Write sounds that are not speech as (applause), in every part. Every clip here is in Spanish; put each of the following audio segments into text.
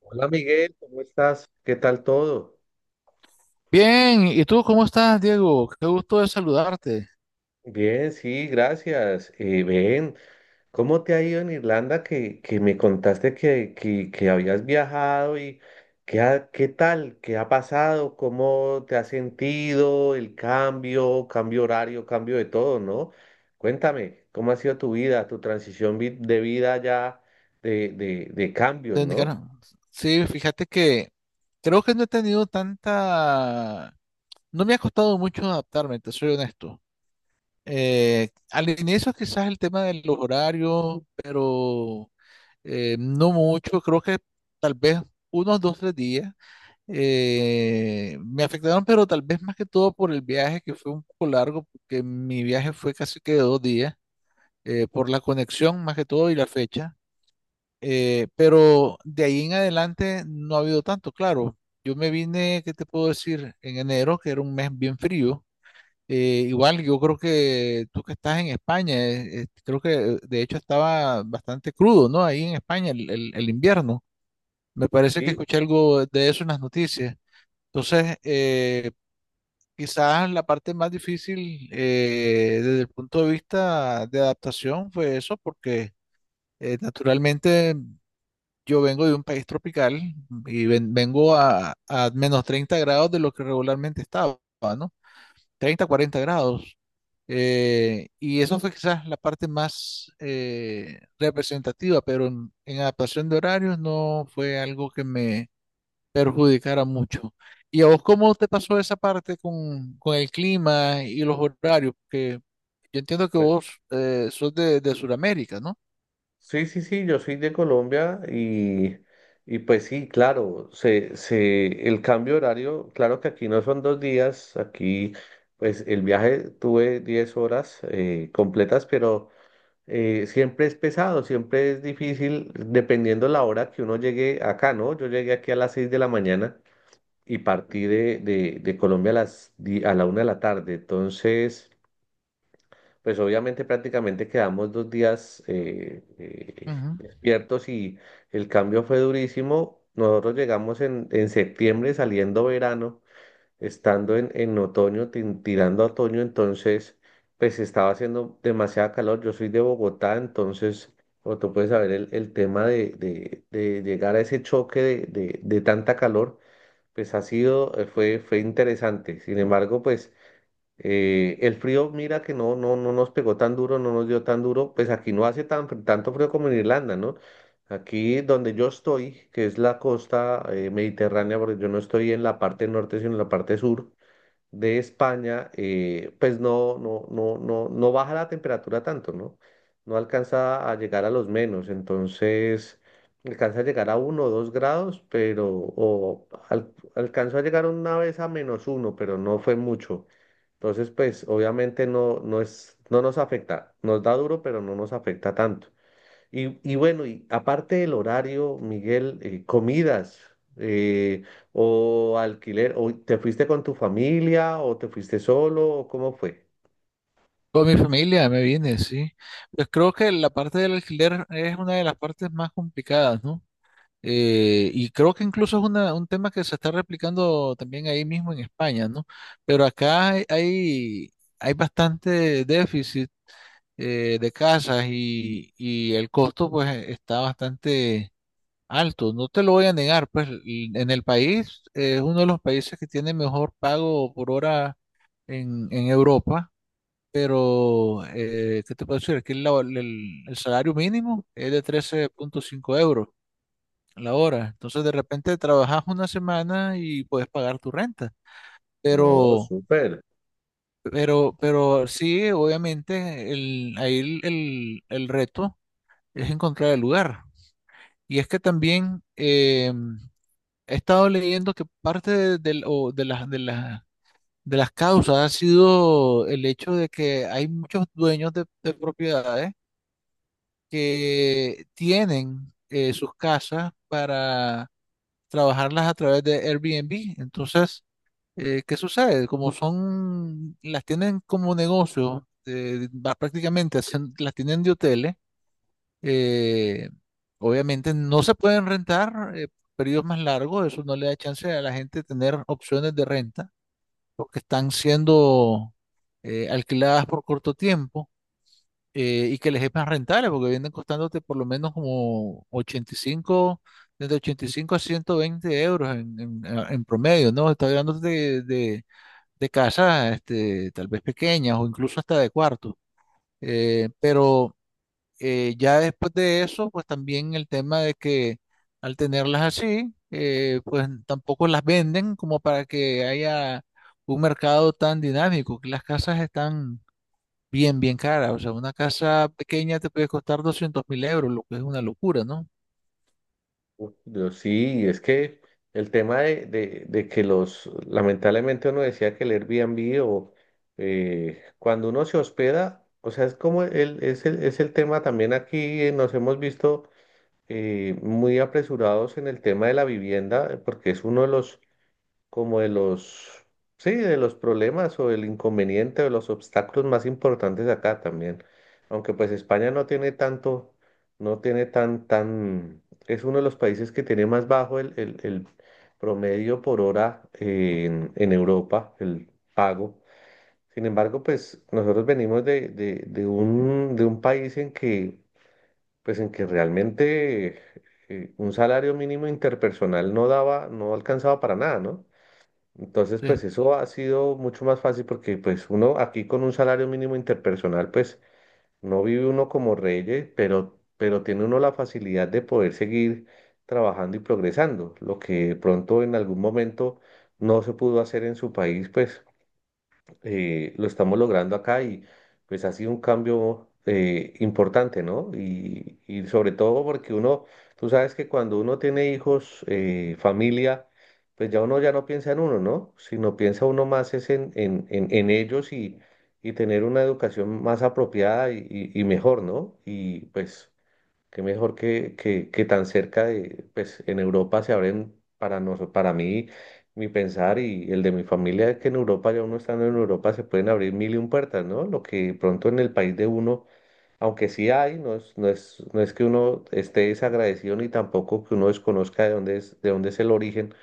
Hola Miguel, ¿cómo estás? ¿Qué tal todo? Bien, ¿y tú cómo estás, Diego? Qué gusto de saludarte. Bien, sí, gracias. Ven, ¿cómo te ha ido en Irlanda que me contaste que habías viajado y ¿qué tal? ¿Qué ha pasado? ¿Cómo te has sentido? El cambio horario, cambio de todo, ¿no? Cuéntame, ¿cómo ha sido tu vida, tu de vida, ya de cambios, De ¿no? Nicaragua. Sí, fíjate que creo que no he tenido tanta. No me ha costado mucho adaptarme, te soy honesto. Al inicio quizás el tema de los horarios, pero no mucho. Creo que tal vez unos 2, 3 días me afectaron, pero tal vez más que todo por el viaje, que fue un poco largo, porque mi viaje fue casi que de 2 días. Por la conexión más que todo y la fecha. Pero de ahí en adelante no ha habido tanto, claro. Yo me vine, ¿qué te puedo decir? En enero, que era un mes bien frío. Igual yo creo que tú que estás en España, creo que de hecho estaba bastante crudo, ¿no? Ahí en España el invierno. Me parece que Sí, escuché algo de eso en las noticias. Entonces, quizás la parte más difícil desde el punto de vista de adaptación fue eso, porque naturalmente, yo vengo de un país tropical y vengo a menos 30 grados de lo que regularmente estaba, ¿no? 30, 40 grados. Y eso fue quizás la parte más representativa, pero en adaptación de horarios no fue algo que me perjudicara mucho. ¿Y a vos cómo te pasó esa parte con el clima y los horarios? Porque yo entiendo que vos sos de Sudamérica, sí, sí, sí, yo soy de Colombia, y pues sí, claro, el cambio de horario, claro que aquí no son 2 días, aquí pues el viaje tuve 10 horas completas. Pero siempre es pesado, siempre es difícil, dependiendo la hora que uno llegue acá, ¿no? Yo llegué aquí a las 6 de la mañana y partí de Colombia a a la 1 de la tarde. Entonces, pues obviamente prácticamente quedamos 2 días ¿no? despiertos, y el cambio fue durísimo. Nosotros llegamos en septiembre, saliendo verano, estando en otoño, tirando a otoño. Entonces, pues estaba haciendo demasiada calor. Yo soy de Bogotá, entonces, como tú puedes saber, el tema de llegar a ese choque de tanta calor, pues ha sido, fue interesante. Sin embargo, pues... El frío, mira que no, no, no nos pegó tan duro, no nos dio tan duro. Pues aquí no hace tanto frío como en Irlanda, ¿no? Aquí donde yo estoy, que es la costa mediterránea, porque yo no estoy en la parte norte, sino en la parte sur, de España. Pues no, no, no, no, no baja la temperatura tanto, ¿no? No alcanza a llegar a los menos, entonces alcanza a llegar a 1 o 2 grados, pero alcanzó a llegar una vez a -1, pero no fue mucho. Entonces, pues obviamente no, no nos afecta, nos da duro, pero no nos afecta tanto. Y bueno, y aparte del horario, Miguel, comidas, eh, o alquiler, o ¿te fuiste con tu familia o te fuiste solo o cómo fue? Con mi familia me vine, sí. Pues creo que la parte del alquiler es una de las partes más complicadas, ¿no? Y creo que incluso es un tema que se está replicando también ahí mismo en España, ¿no? Pero acá hay bastante déficit de casas y el costo pues está bastante alto. No te lo voy a negar, pues en el país es uno de los países que tiene mejor pago por hora en Europa. Pero, ¿qué te puedo decir? Aquí el salario mínimo es de 13.5 euros la hora. Entonces, de repente trabajas una semana y puedes pagar tu renta. No, Pero, súper. pero sí, obviamente, ahí el reto es encontrar el lugar. Y es que también he estado leyendo que parte de, del- o de las, de las, de las causas ha sido el hecho de que hay muchos dueños de propiedades que tienen sus casas para trabajarlas a través de Airbnb. Entonces, ¿qué sucede? Como son, las tienen como negocio, va prácticamente, las tienen de hoteles. eh, Obviamente no se pueden rentar periodos más largos, eso no le da chance a la gente tener opciones de renta, porque están siendo alquiladas por corto tiempo. Y que les es más rentable porque vienen costándote por lo menos como 85, desde 85 a 120 euros en promedio, ¿no? Está hablando de casas este, tal vez pequeñas o incluso hasta de cuartos. Pero ya después de eso, pues también el tema de que al tenerlas así, pues tampoco las venden como para que haya un mercado tan dinámico, que las casas están bien, bien cara. O sea, una casa pequeña te puede costar 200,000 euros, lo que es una locura, ¿no? Uf, yo sí, es que el tema de que lamentablemente uno decía que el Airbnb o cuando uno se hospeda, o sea, es como el, es el, es el tema también aquí. Nos hemos visto muy apresurados en el tema de la vivienda, porque es uno de los, como de los, sí, de los problemas o el inconveniente o los obstáculos más importantes acá también. Aunque pues España no tiene tanto, no tiene es uno de los países que tiene más bajo el promedio por hora en Europa, el pago. Sin embargo, pues nosotros venimos de un país en que, pues en que realmente, un salario mínimo interpersonal no daba, no alcanzaba para nada, ¿no? Entonces, Sí. pues eso ha sido mucho más fácil, porque pues uno aquí con un salario mínimo interpersonal, pues no vive uno como reyes, pero tiene uno la facilidad de poder seguir trabajando y progresando, lo que de pronto en algún momento no se pudo hacer en su país. Pues lo estamos logrando acá, y pues ha sido un cambio importante, ¿no? Y sobre todo porque uno, tú sabes que cuando uno tiene hijos, familia, pues ya uno ya no piensa en uno, ¿no? Sino piensa uno más es en ellos, y tener una educación más apropiada y, y mejor, ¿no? Y pues qué mejor que, que tan cerca de, pues en Europa, se abren para nosotros, para mí, mi pensar y el de mi familia, que en Europa, ya uno estando en Europa, se pueden abrir mil y un puertas, ¿no? Lo que pronto en el país de uno, aunque sí hay, no es que uno esté desagradecido ni tampoco que uno desconozca de dónde es el origen,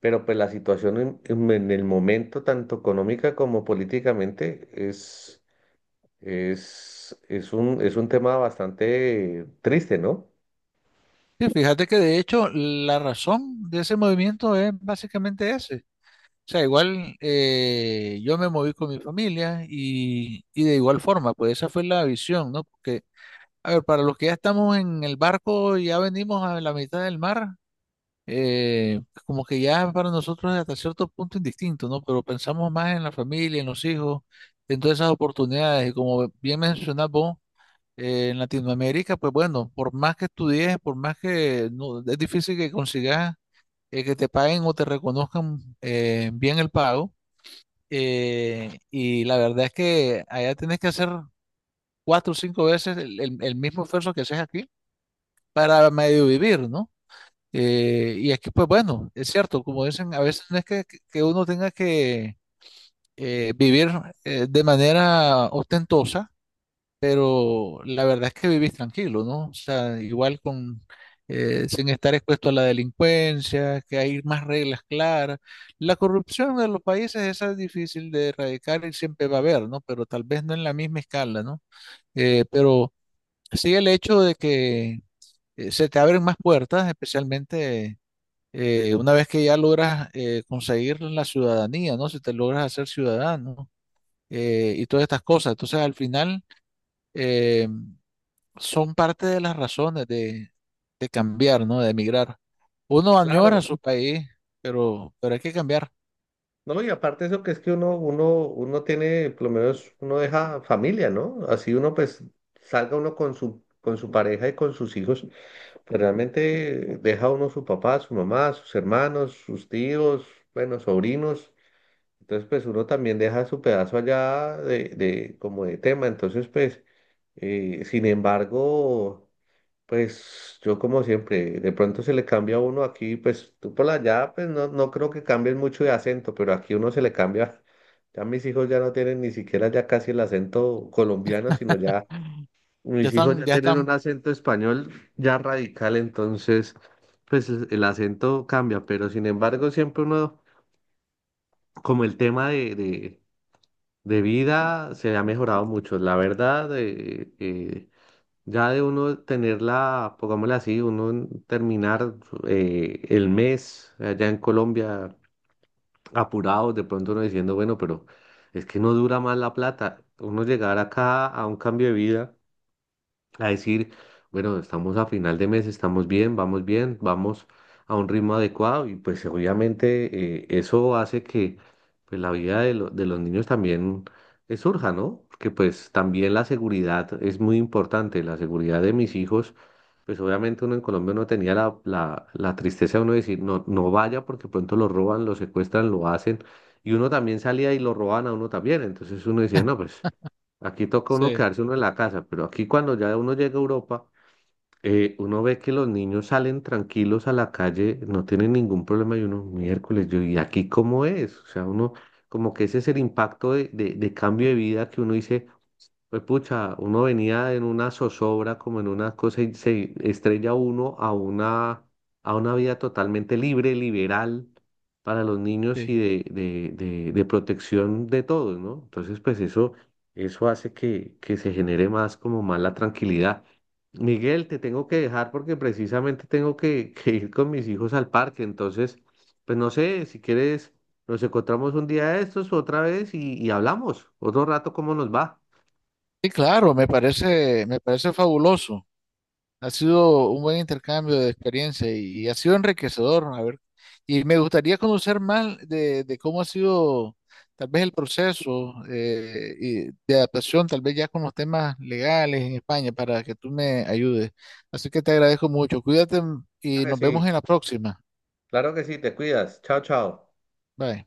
pero pues la situación en en el momento, tanto económica como políticamente, es, es un tema bastante triste, ¿no? Sí, fíjate que de hecho la razón de ese movimiento es básicamente ese. O sea, igual yo me moví con mi familia y de igual forma, pues esa fue la visión, ¿no? Porque, a ver, para los que ya estamos en el barco, ya venimos a la mitad del mar, como que ya para nosotros es hasta cierto punto indistinto, ¿no? Pero pensamos más en la familia, en los hijos, en todas esas oportunidades. Y como bien mencionas vos, en Latinoamérica, pues bueno, por más que estudies, por más que no, es difícil que consigas que te paguen o te reconozcan bien el pago. Y la verdad es que allá tienes que hacer cuatro o cinco veces el mismo esfuerzo que haces aquí para medio vivir, ¿no? Y aquí, pues bueno, es cierto, como dicen, a veces no es que uno tenga que vivir de manera ostentosa, pero la verdad es que vivís tranquilo, ¿no? O sea, igual sin estar expuesto a la delincuencia, que hay más reglas claras. La corrupción de los países esa es difícil de erradicar y siempre va a haber, ¿no? Pero tal vez no en la misma escala, ¿no? Pero sí el hecho de que se te abren más puertas, especialmente una vez que ya logras conseguir la ciudadanía, ¿no? Si te logras hacer ciudadano y todas estas cosas. Entonces, al final, eh, son parte de las razones de cambiar, ¿no? De emigrar. Uno añora Claro. su país, pero hay que cambiar. No, y aparte eso, que es que uno, uno tiene, por lo menos, uno deja familia, ¿no? Así uno pues salga uno con con su pareja y con sus hijos, pero realmente deja uno su papá, su mamá, sus hermanos, sus tíos, bueno, sobrinos. Entonces, pues uno también deja su pedazo allá de, como de tema. Entonces pues, sin embargo... Pues yo como siempre, de pronto se le cambia a uno aquí, pues tú por allá, pues no, no creo que cambien mucho de acento, pero aquí uno se le cambia. Ya mis hijos ya no tienen ni siquiera ya casi el acento colombiano, sino ya Ya mis hijos están, ya ya tienen un están. acento español ya radical. Entonces, pues el acento cambia, pero sin embargo siempre uno, como el tema de vida se ha mejorado mucho, la verdad. Ya de uno tenerla, pongámosla así, uno terminar el mes allá en Colombia apurados, de pronto uno diciendo, bueno, pero es que no dura más la plata. Uno llegar acá a un cambio de vida, a decir, bueno, estamos a final de mes, estamos bien, vamos a un ritmo adecuado. Y pues obviamente, eso hace que pues la vida de, de los niños también surja, ¿no? Porque pues también la seguridad es muy importante, la seguridad de mis hijos. Pues obviamente uno en Colombia no tenía la tristeza de uno decir, no, no vaya porque pronto lo roban, lo secuestran, lo hacen. Y uno también salía y lo roban a uno también. Entonces uno decía, no, (laughs) pues aquí toca uno Sí, quedarse uno en la casa. Pero aquí, cuando ya uno llega a Europa, uno ve que los niños salen tranquilos a la calle, no tienen ningún problema, y uno, miércoles, yo, ¿y aquí cómo es? O sea, uno como que ese es el impacto de cambio de vida que uno dice. Pues pucha, uno venía en una zozobra, como en una cosa, y se estrella uno a una vida totalmente libre, liberal, para los niños y sí. de protección de todos, ¿no? Entonces, pues eso, hace que se genere más, como más, la tranquilidad. Miguel, te tengo que dejar porque precisamente tengo que ir con mis hijos al parque. Entonces, pues no sé, si quieres, nos encontramos un día de estos otra vez y, hablamos otro rato cómo nos va. Sí, claro, me parece fabuloso. Ha sido un buen intercambio de experiencia y ha sido enriquecedor, ¿no? A ver, y me gustaría conocer más de cómo ha sido tal vez el proceso y de adaptación, tal vez ya con los temas legales en España, para que tú me ayudes. Así que te agradezco mucho. Cuídate, y Claro que nos vemos sí, en la próxima. claro que sí, te cuidas. Chao, chao. Bye.